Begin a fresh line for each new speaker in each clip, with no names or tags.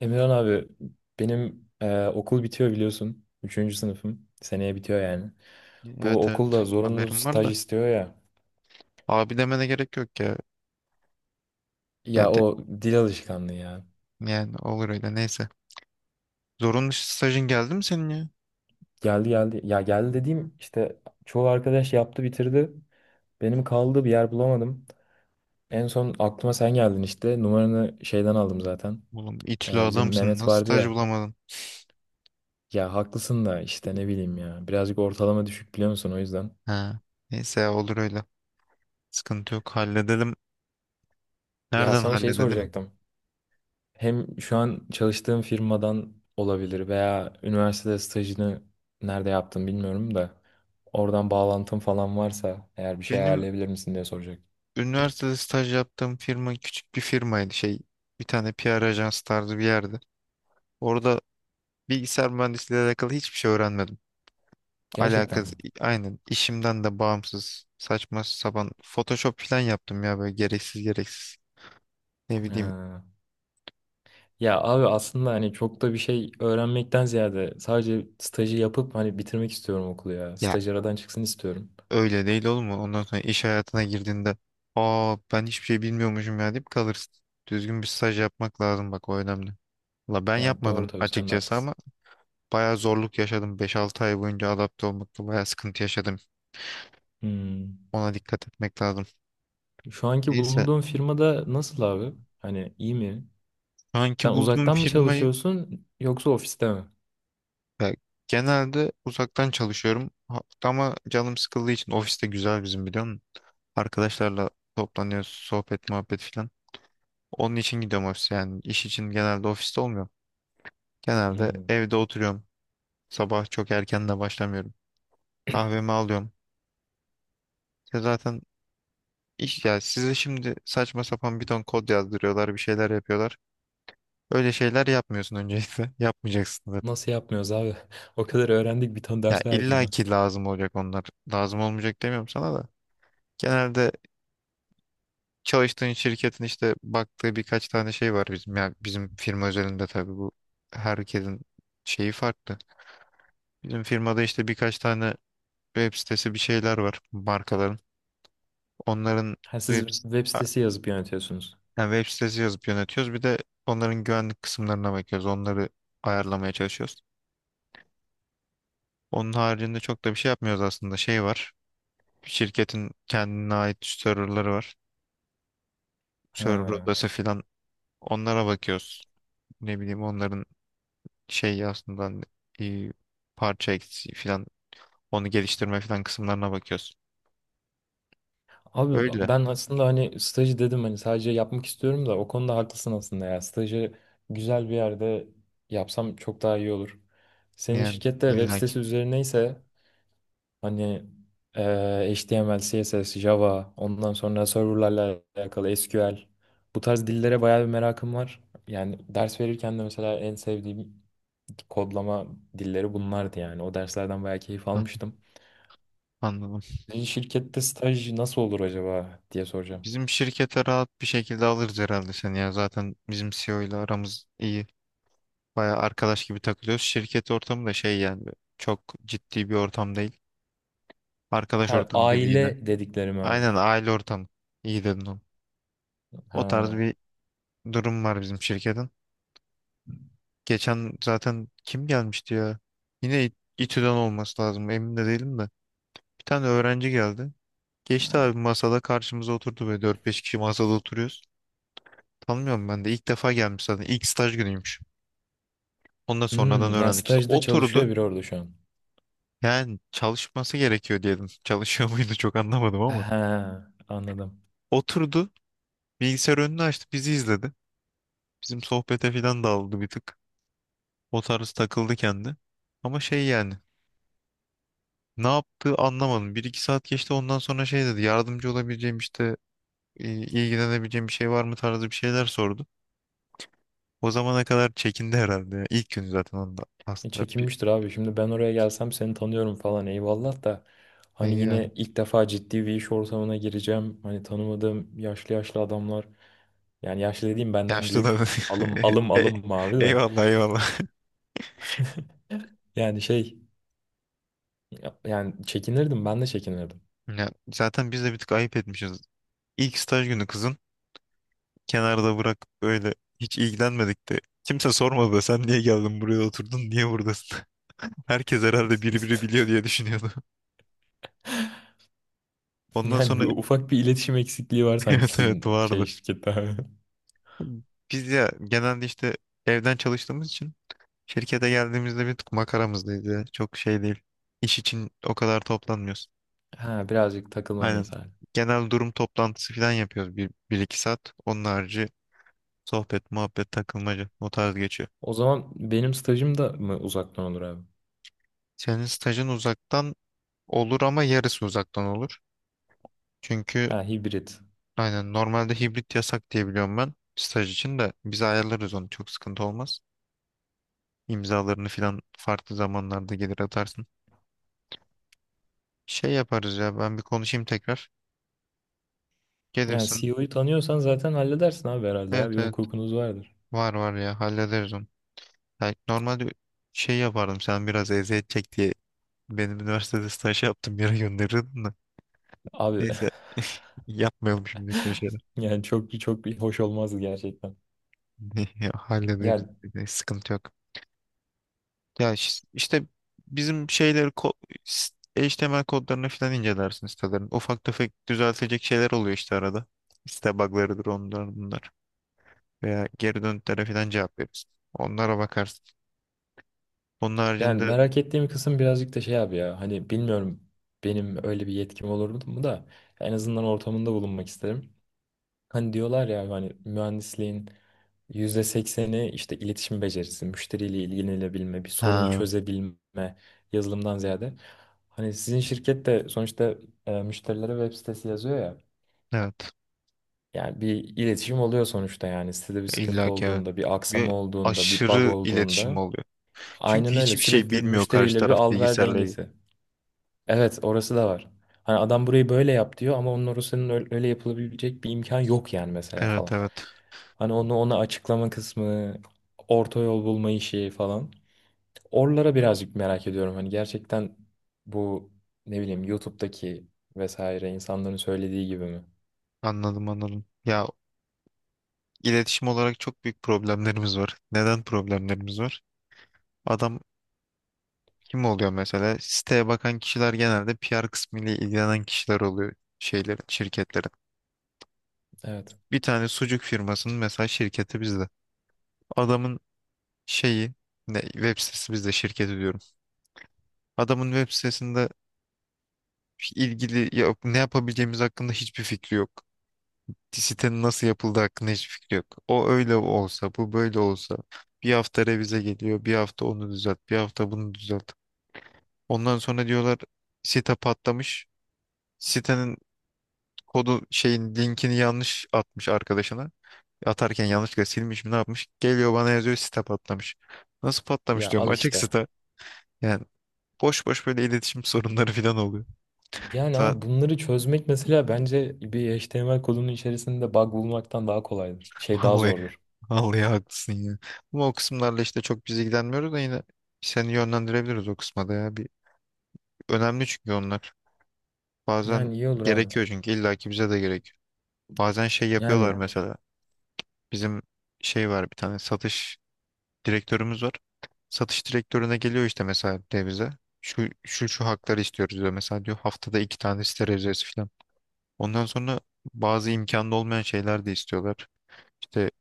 Emirhan abi benim okul bitiyor biliyorsun. Üçüncü sınıfım. Seneye bitiyor yani. Bu
Evet evet,
okulda zorunlu
haberim var
staj
da.
istiyor ya.
Abi demene gerek yok ya.
Ya
Kendi,
o dil alışkanlığı ya.
yani olur öyle, neyse. Zorunlu stajın geldi mi senin ya?
Geldi geldi. Ya geldi dediğim işte çoğu arkadaş yaptı bitirdi. Benim kaldı bir yer bulamadım. En son aklıma sen geldin işte. Numaranı şeyden aldım zaten.
Oğlum itili
Bizim
adamsın,
Mehmet
nasıl
vardı
staj
ya.
bulamadın?
Ya haklısın da işte ne bileyim ya. Birazcık ortalama düşük biliyor musun o yüzden.
Ha. Neyse ya, olur öyle. Sıkıntı yok, halledelim.
Ya
Nereden
sana şey
halledelim?
soracaktım. Hem şu an çalıştığım firmadan olabilir veya üniversitede stajını nerede yaptım bilmiyorum da oradan bağlantım falan varsa eğer bir şey
Benim
ayarlayabilir misin diye soracak.
üniversitede staj yaptığım firma küçük bir firmaydı, bir tane PR ajansı tarzı bir yerdi. Orada bilgisayar mühendisliğiyle alakalı hiçbir şey öğrenmedim.
Gerçekten
Alakası
mi?
aynen, işimden de bağımsız saçma sapan Photoshop falan yaptım ya, böyle gereksiz gereksiz. Ne bileyim
Ha. Ya abi aslında hani çok da bir şey öğrenmekten ziyade sadece stajı yapıp hani bitirmek istiyorum okulu ya.
ya,
Staj aradan çıksın istiyorum.
öyle değil, olur mu? Ondan sonra iş hayatına girdiğinde, aa ben hiçbir şey bilmiyormuşum ya deyip kalırsın. Düzgün bir staj yapmak lazım, bak o önemli. La ben
Ya doğru
yapmadım
tabii sen de
açıkçası
haklısın.
ama bayağı zorluk yaşadım. Beş altı ay boyunca adapte olmakta bayağı sıkıntı yaşadım.
Hmm.
Ona dikkat etmek lazım.
Şu anki
Neyse,
bulunduğun firmada nasıl abi? Hani iyi mi?
şu anki
Sen
bulduğum
uzaktan mı
firmayı.
çalışıyorsun yoksa ofiste mi?
Ya, genelde uzaktan çalışıyorum. Ha- ama canım sıkıldığı için ofiste güzel bizim, biliyor musun? Arkadaşlarla toplanıyoruz, sohbet muhabbet filan. Onun için gidiyorum ofise, yani iş için genelde ofiste olmuyorum. Genelde
Hmm.
evde oturuyorum. Sabah çok erken de başlamıyorum. Kahvemi alıyorum. Ya zaten iş, ya size şimdi saçma sapan bir ton kod yazdırıyorlar, bir şeyler yapıyorlar. Öyle şeyler yapmıyorsun öncelikle. Yapmayacaksın zaten.
Nasıl yapmıyoruz abi? O kadar öğrendik, bir tane
Ya
ders verdim
illa
ben.
ki lazım olacak onlar. Lazım olmayacak demiyorum sana da. Genelde çalıştığın şirketin işte baktığı birkaç tane şey var bizim, yani bizim firma özelinde tabii bu, herkesin şeyi farklı. Bizim firmada işte birkaç tane web sitesi bir şeyler var markaların. Onların
Ha, siz
web,
web
a-
sitesi yazıp yönetiyorsunuz.
yani web sitesi yazıp yönetiyoruz. Bir de onların güvenlik kısımlarına bakıyoruz. Onları ayarlamaya çalışıyoruz. Onun haricinde çok da bir şey yapmıyoruz aslında. Şey var. Şirketin kendine ait serverları var. Server
Ha.
odası filan, onlara bakıyoruz. Ne bileyim, onların şey aslında, e, parça eksiği falan, onu geliştirme falan kısımlarına bakıyorsun.
Abi
Öyle.
ben aslında hani stajı dedim, hani sadece yapmak istiyorum da o konuda haklısın aslında ya. Stajı güzel bir yerde yapsam çok daha iyi olur. Senin
Yani
şirkette web
illaki.
sitesi üzerineyse hani HTML, CSS, Java, ondan sonra serverlarla alakalı SQL. Bu tarz dillere bayağı bir merakım var. Yani ders verirken de mesela en sevdiğim kodlama dilleri bunlardı yani. O derslerden bayağı keyif
Hah,
almıştım.
anladım.
Bir şirkette staj nasıl olur acaba diye soracağım.
Bizim şirkete rahat bir şekilde alırız herhalde seni ya. Zaten bizim CEO ile aramız iyi. Baya arkadaş gibi takılıyoruz. Şirket ortamı da şey, yani çok ciddi bir ortam değil. Arkadaş
Ha,
ortamı gibi yine.
aile dediklerim abi.
Aynen aile ortamı. İyi dedin onu. O tarz
Ha.
bir durum var bizim şirketin. Geçen zaten kim gelmişti ya? Yine İ- İTÜ'den olması lazım. Emin de değilim de. Bir tane öğrenci geldi. Geçti abi, masada karşımıza oturdu, böyle dört beş kişi masada oturuyoruz. Tanımıyorum, ben de ilk defa gelmiş zaten, İlk staj günüymüş. Ondan sonradan
Hmm, yani
öğrendik işte,
stajda
oturdu.
çalışıyor biri orada şu an.
Yani çalışması gerekiyor diyelim. Çalışıyor muydu çok anlamadım ama.
Ha, anladım.
Oturdu, bilgisayar önünü açtı, bizi izledi. Bizim sohbete falan daldı bir tık. O tarz takıldı kendi. Ama şey, yani ne yaptığı anlamadım. Bir iki saat geçti, ondan sonra şey dedi, yardımcı olabileceğim işte, i- ilgilenebileceğim bir şey var mı tarzı bir şeyler sordu. O zamana kadar çekindi herhalde ya. İlk gün zaten, onda aslında bir,
Çekinmiştir abi. Şimdi ben oraya gelsem seni tanıyorum falan eyvallah da hani
yani
yine ilk defa ciddi bir iş ortamına gireceğim. Hani tanımadığım yaşlı yaşlı adamlar, yani yaşlı dediğim benden
yaşlı da.
büyük. Alım alım
Ey-
alım mavi de.
Eyvallah, eyvallah.
Yani şey, yani çekinirdim, ben de çekinirdim.
Ya, zaten biz de bir tık ayıp etmişiz. İlk staj günü, kızın kenarda bırak, böyle hiç ilgilenmedik de. Kimse sormadı da sen niye geldin buraya, oturdun niye buradasın? Herkes herhalde biri biri biliyor diye düşünüyordu. Ondan
Yani
sonra
bir, ufak bir iletişim eksikliği var sanki
evet evet,
sizin şey
vardı.
şirkette.
Biz ya genelde işte evden çalıştığımız için şirkete geldiğimizde bir tık makaramızdaydı. Çok şey değil. İş için o kadar toplanmıyoruz.
Ha, birazcık takılma
Aynen.
misali.
Genel durum toplantısı falan yapıyoruz, bir iki saat. Onun harici sohbet, muhabbet, takılmaca, o tarz geçiyor.
O zaman benim stajım da mı uzaktan olur abi?
Senin stajın uzaktan olur, ama yarısı uzaktan olur. Çünkü
Ha, hibrit.
aynen, normalde hibrit yasak diye biliyorum ben. Staj için de biz ayarlarız onu, çok sıkıntı olmaz. İmzalarını falan farklı zamanlarda gelir atarsın. Şey yaparız ya, ben bir konuşayım tekrar.
Yani
Gelirsin.
CEO'yu tanıyorsan zaten halledersin abi herhalde ya.
Evet
Bir
evet.
hukukunuz vardır.
Var var ya, hallederiz onu. Yani normalde şey yapardım, sen biraz eziyet çek diye benim üniversitede staj yaptım yere gönderirdin de.
Abi.
Neyse, yapmayalım şimdi öyle şeyler.
Yani çok çok bir hoş olmazdı gerçekten.
Ya, hallederiz,
Yani,
sıkıntı yok. Ya işte bizim şeyleri s- HTML kodlarını falan incelersin sitelerin. Ufak tefek düzeltecek şeyler oluyor işte arada. Site bug'larıdır onlar bunlar. Veya geri dönütlere falan cevap veririz. Onlara bakarsın. Onun
yani
haricinde
merak ettiğim kısım birazcık da şey abi ya. Hani bilmiyorum, benim öyle bir yetkim olur mu da en azından ortamında bulunmak isterim. Hani diyorlar ya hani mühendisliğin %80'i işte iletişim becerisi, müşteriyle ilgilenebilme, bir sorunu
ha,
çözebilme, yazılımdan ziyade. Hani sizin şirket de sonuçta müşterilere web sitesi yazıyor ya.
evet.
Yani bir iletişim oluyor sonuçta, yani sitede bir sıkıntı
İlla ki evet.
olduğunda, bir
Ve
aksama olduğunda, bir bug
aşırı iletişim
olduğunda.
oluyor.
Aynen
Çünkü
öyle,
hiçbir şey
sürekli
bilmiyor karşı
müşteriyle bir
taraf
al-ver
bilgisayarla ilgili.
dengesi. Evet, orası da var. Hani adam burayı böyle yap diyor ama onun orasının öyle, öyle yapılabilecek bir imkan yok yani mesela
Evet
falan.
evet,
Hani onu ona açıklama kısmı, orta yol bulma işi falan. Oralara birazcık merak ediyorum. Hani gerçekten bu, ne bileyim, YouTube'daki vesaire insanların söylediği gibi mi?
anladım anladım. Ya iletişim olarak çok büyük problemlerimiz var. Neden problemlerimiz var? Adam kim oluyor mesela? Siteye bakan kişiler genelde PR kısmıyla ilgilenen kişiler oluyor şeylerin, şirketlerin.
Evet.
Bir tane sucuk firmasının mesela şirketi bizde. Adamın şeyi ne, web sitesi bizde şirketi diyorum. Adamın web sitesinde ilgili ya, ne yapabileceğimiz hakkında hiçbir fikri yok. Sitenin nasıl yapıldığı hakkında hiçbir fikri yok. O öyle olsa, bu böyle olsa. Bir hafta revize geliyor, bir hafta onu düzelt, bir hafta bunu düzelt. Ondan sonra diyorlar site patlamış. Sitenin kodu, şeyin linkini yanlış atmış arkadaşına. Atarken yanlışlıkla silmiş mi ne yapmış? Geliyor bana yazıyor site patlamış. Nasıl
Ya
patlamış diyorum,
al
açık
işte.
site. Yani boş boş böyle iletişim sorunları falan oluyor.
Yani abi bunları çözmek mesela bence bir HTML kodunun içerisinde bug bulmaktan daha kolaydır. Şey daha
Vallahi,
zordur.
vallahi haklısın ya. Ama o kısımlarla işte çok biz ilgilenmiyoruz da, yine seni yönlendirebiliriz o kısma da ya. Bir, önemli çünkü onlar. Bazen
Yani iyi olur abi.
gerekiyor çünkü illaki bize de gerekiyor. Bazen şey yapıyorlar
Yani
mesela. Bizim şey var, bir tane satış direktörümüz var. Satış direktörüne geliyor işte mesela devize. Şu şu şu hakları istiyoruz diyor. Mesela diyor haftada iki tane sterilize falan. Ondan sonra bazı imkanda olmayan şeyler de istiyorlar. İşte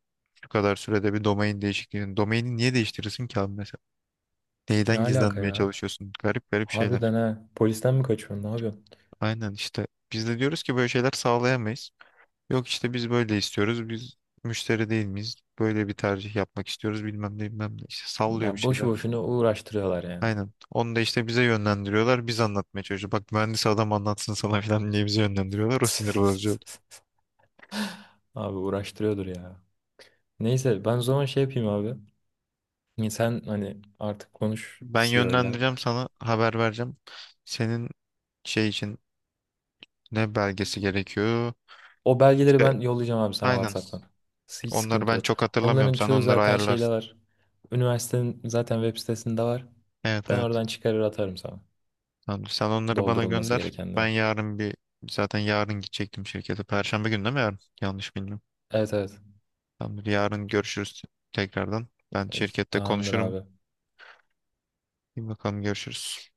şu kadar sürede bir domain değişikliğini. Domaini niye değiştirirsin ki abi mesela? Neyden
ne alaka
gizlenmeye
ya?
çalışıyorsun? Garip garip şeyler.
Harbiden ha. Polisten mi kaçıyorsun? Ne yapıyorsun?
Aynen işte. Biz de diyoruz ki böyle şeyler sağlayamayız. Yok işte biz böyle istiyoruz. Biz müşteri değil miyiz? Böyle bir tercih yapmak istiyoruz. Bilmem ne bilmem ne. İşte sallıyor bir
Ya boşu
şeyler.
boşuna uğraştırıyorlar yani.
Aynen. Onu da işte bize yönlendiriyorlar. Biz anlatmaya çalışıyoruz. Bak mühendis adam anlatsın sana falan diye bizi yönlendiriyorlar. O sinir bozucu oldu.
Abi uğraştırıyordur ya. Neyse ben o zaman şey yapayım abi. Sen hani artık konuş
Ben
CEO'yla.
yönlendireceğim sana. Haber vereceğim. Senin şey için ne belgesi gerekiyor?
O belgeleri
İşte
ben yollayacağım abi sana
aynen.
WhatsApp'tan. Hiç
Onları
sıkıntı
ben
yok.
çok hatırlamıyorum.
Onların
Sen
çoğu
onları
zaten şeyde
ayarlarsın.
var. Üniversitenin zaten web sitesinde var.
Evet
Ben
evet.
oradan çıkarır atarım sana.
Tamam, sen onları bana
Doldurulması
gönder. Ben
gerekenleri.
yarın, bir zaten yarın gidecektim şirkete. Perşembe günü değil mi yarın? Yanlış bilmiyorum.
Evet evet.
Tamamdır. Yarın görüşürüz tekrardan. Ben
E,
şirkette
tamamdır
konuşurum.
abi.
Bir bakalım, görüşürüz.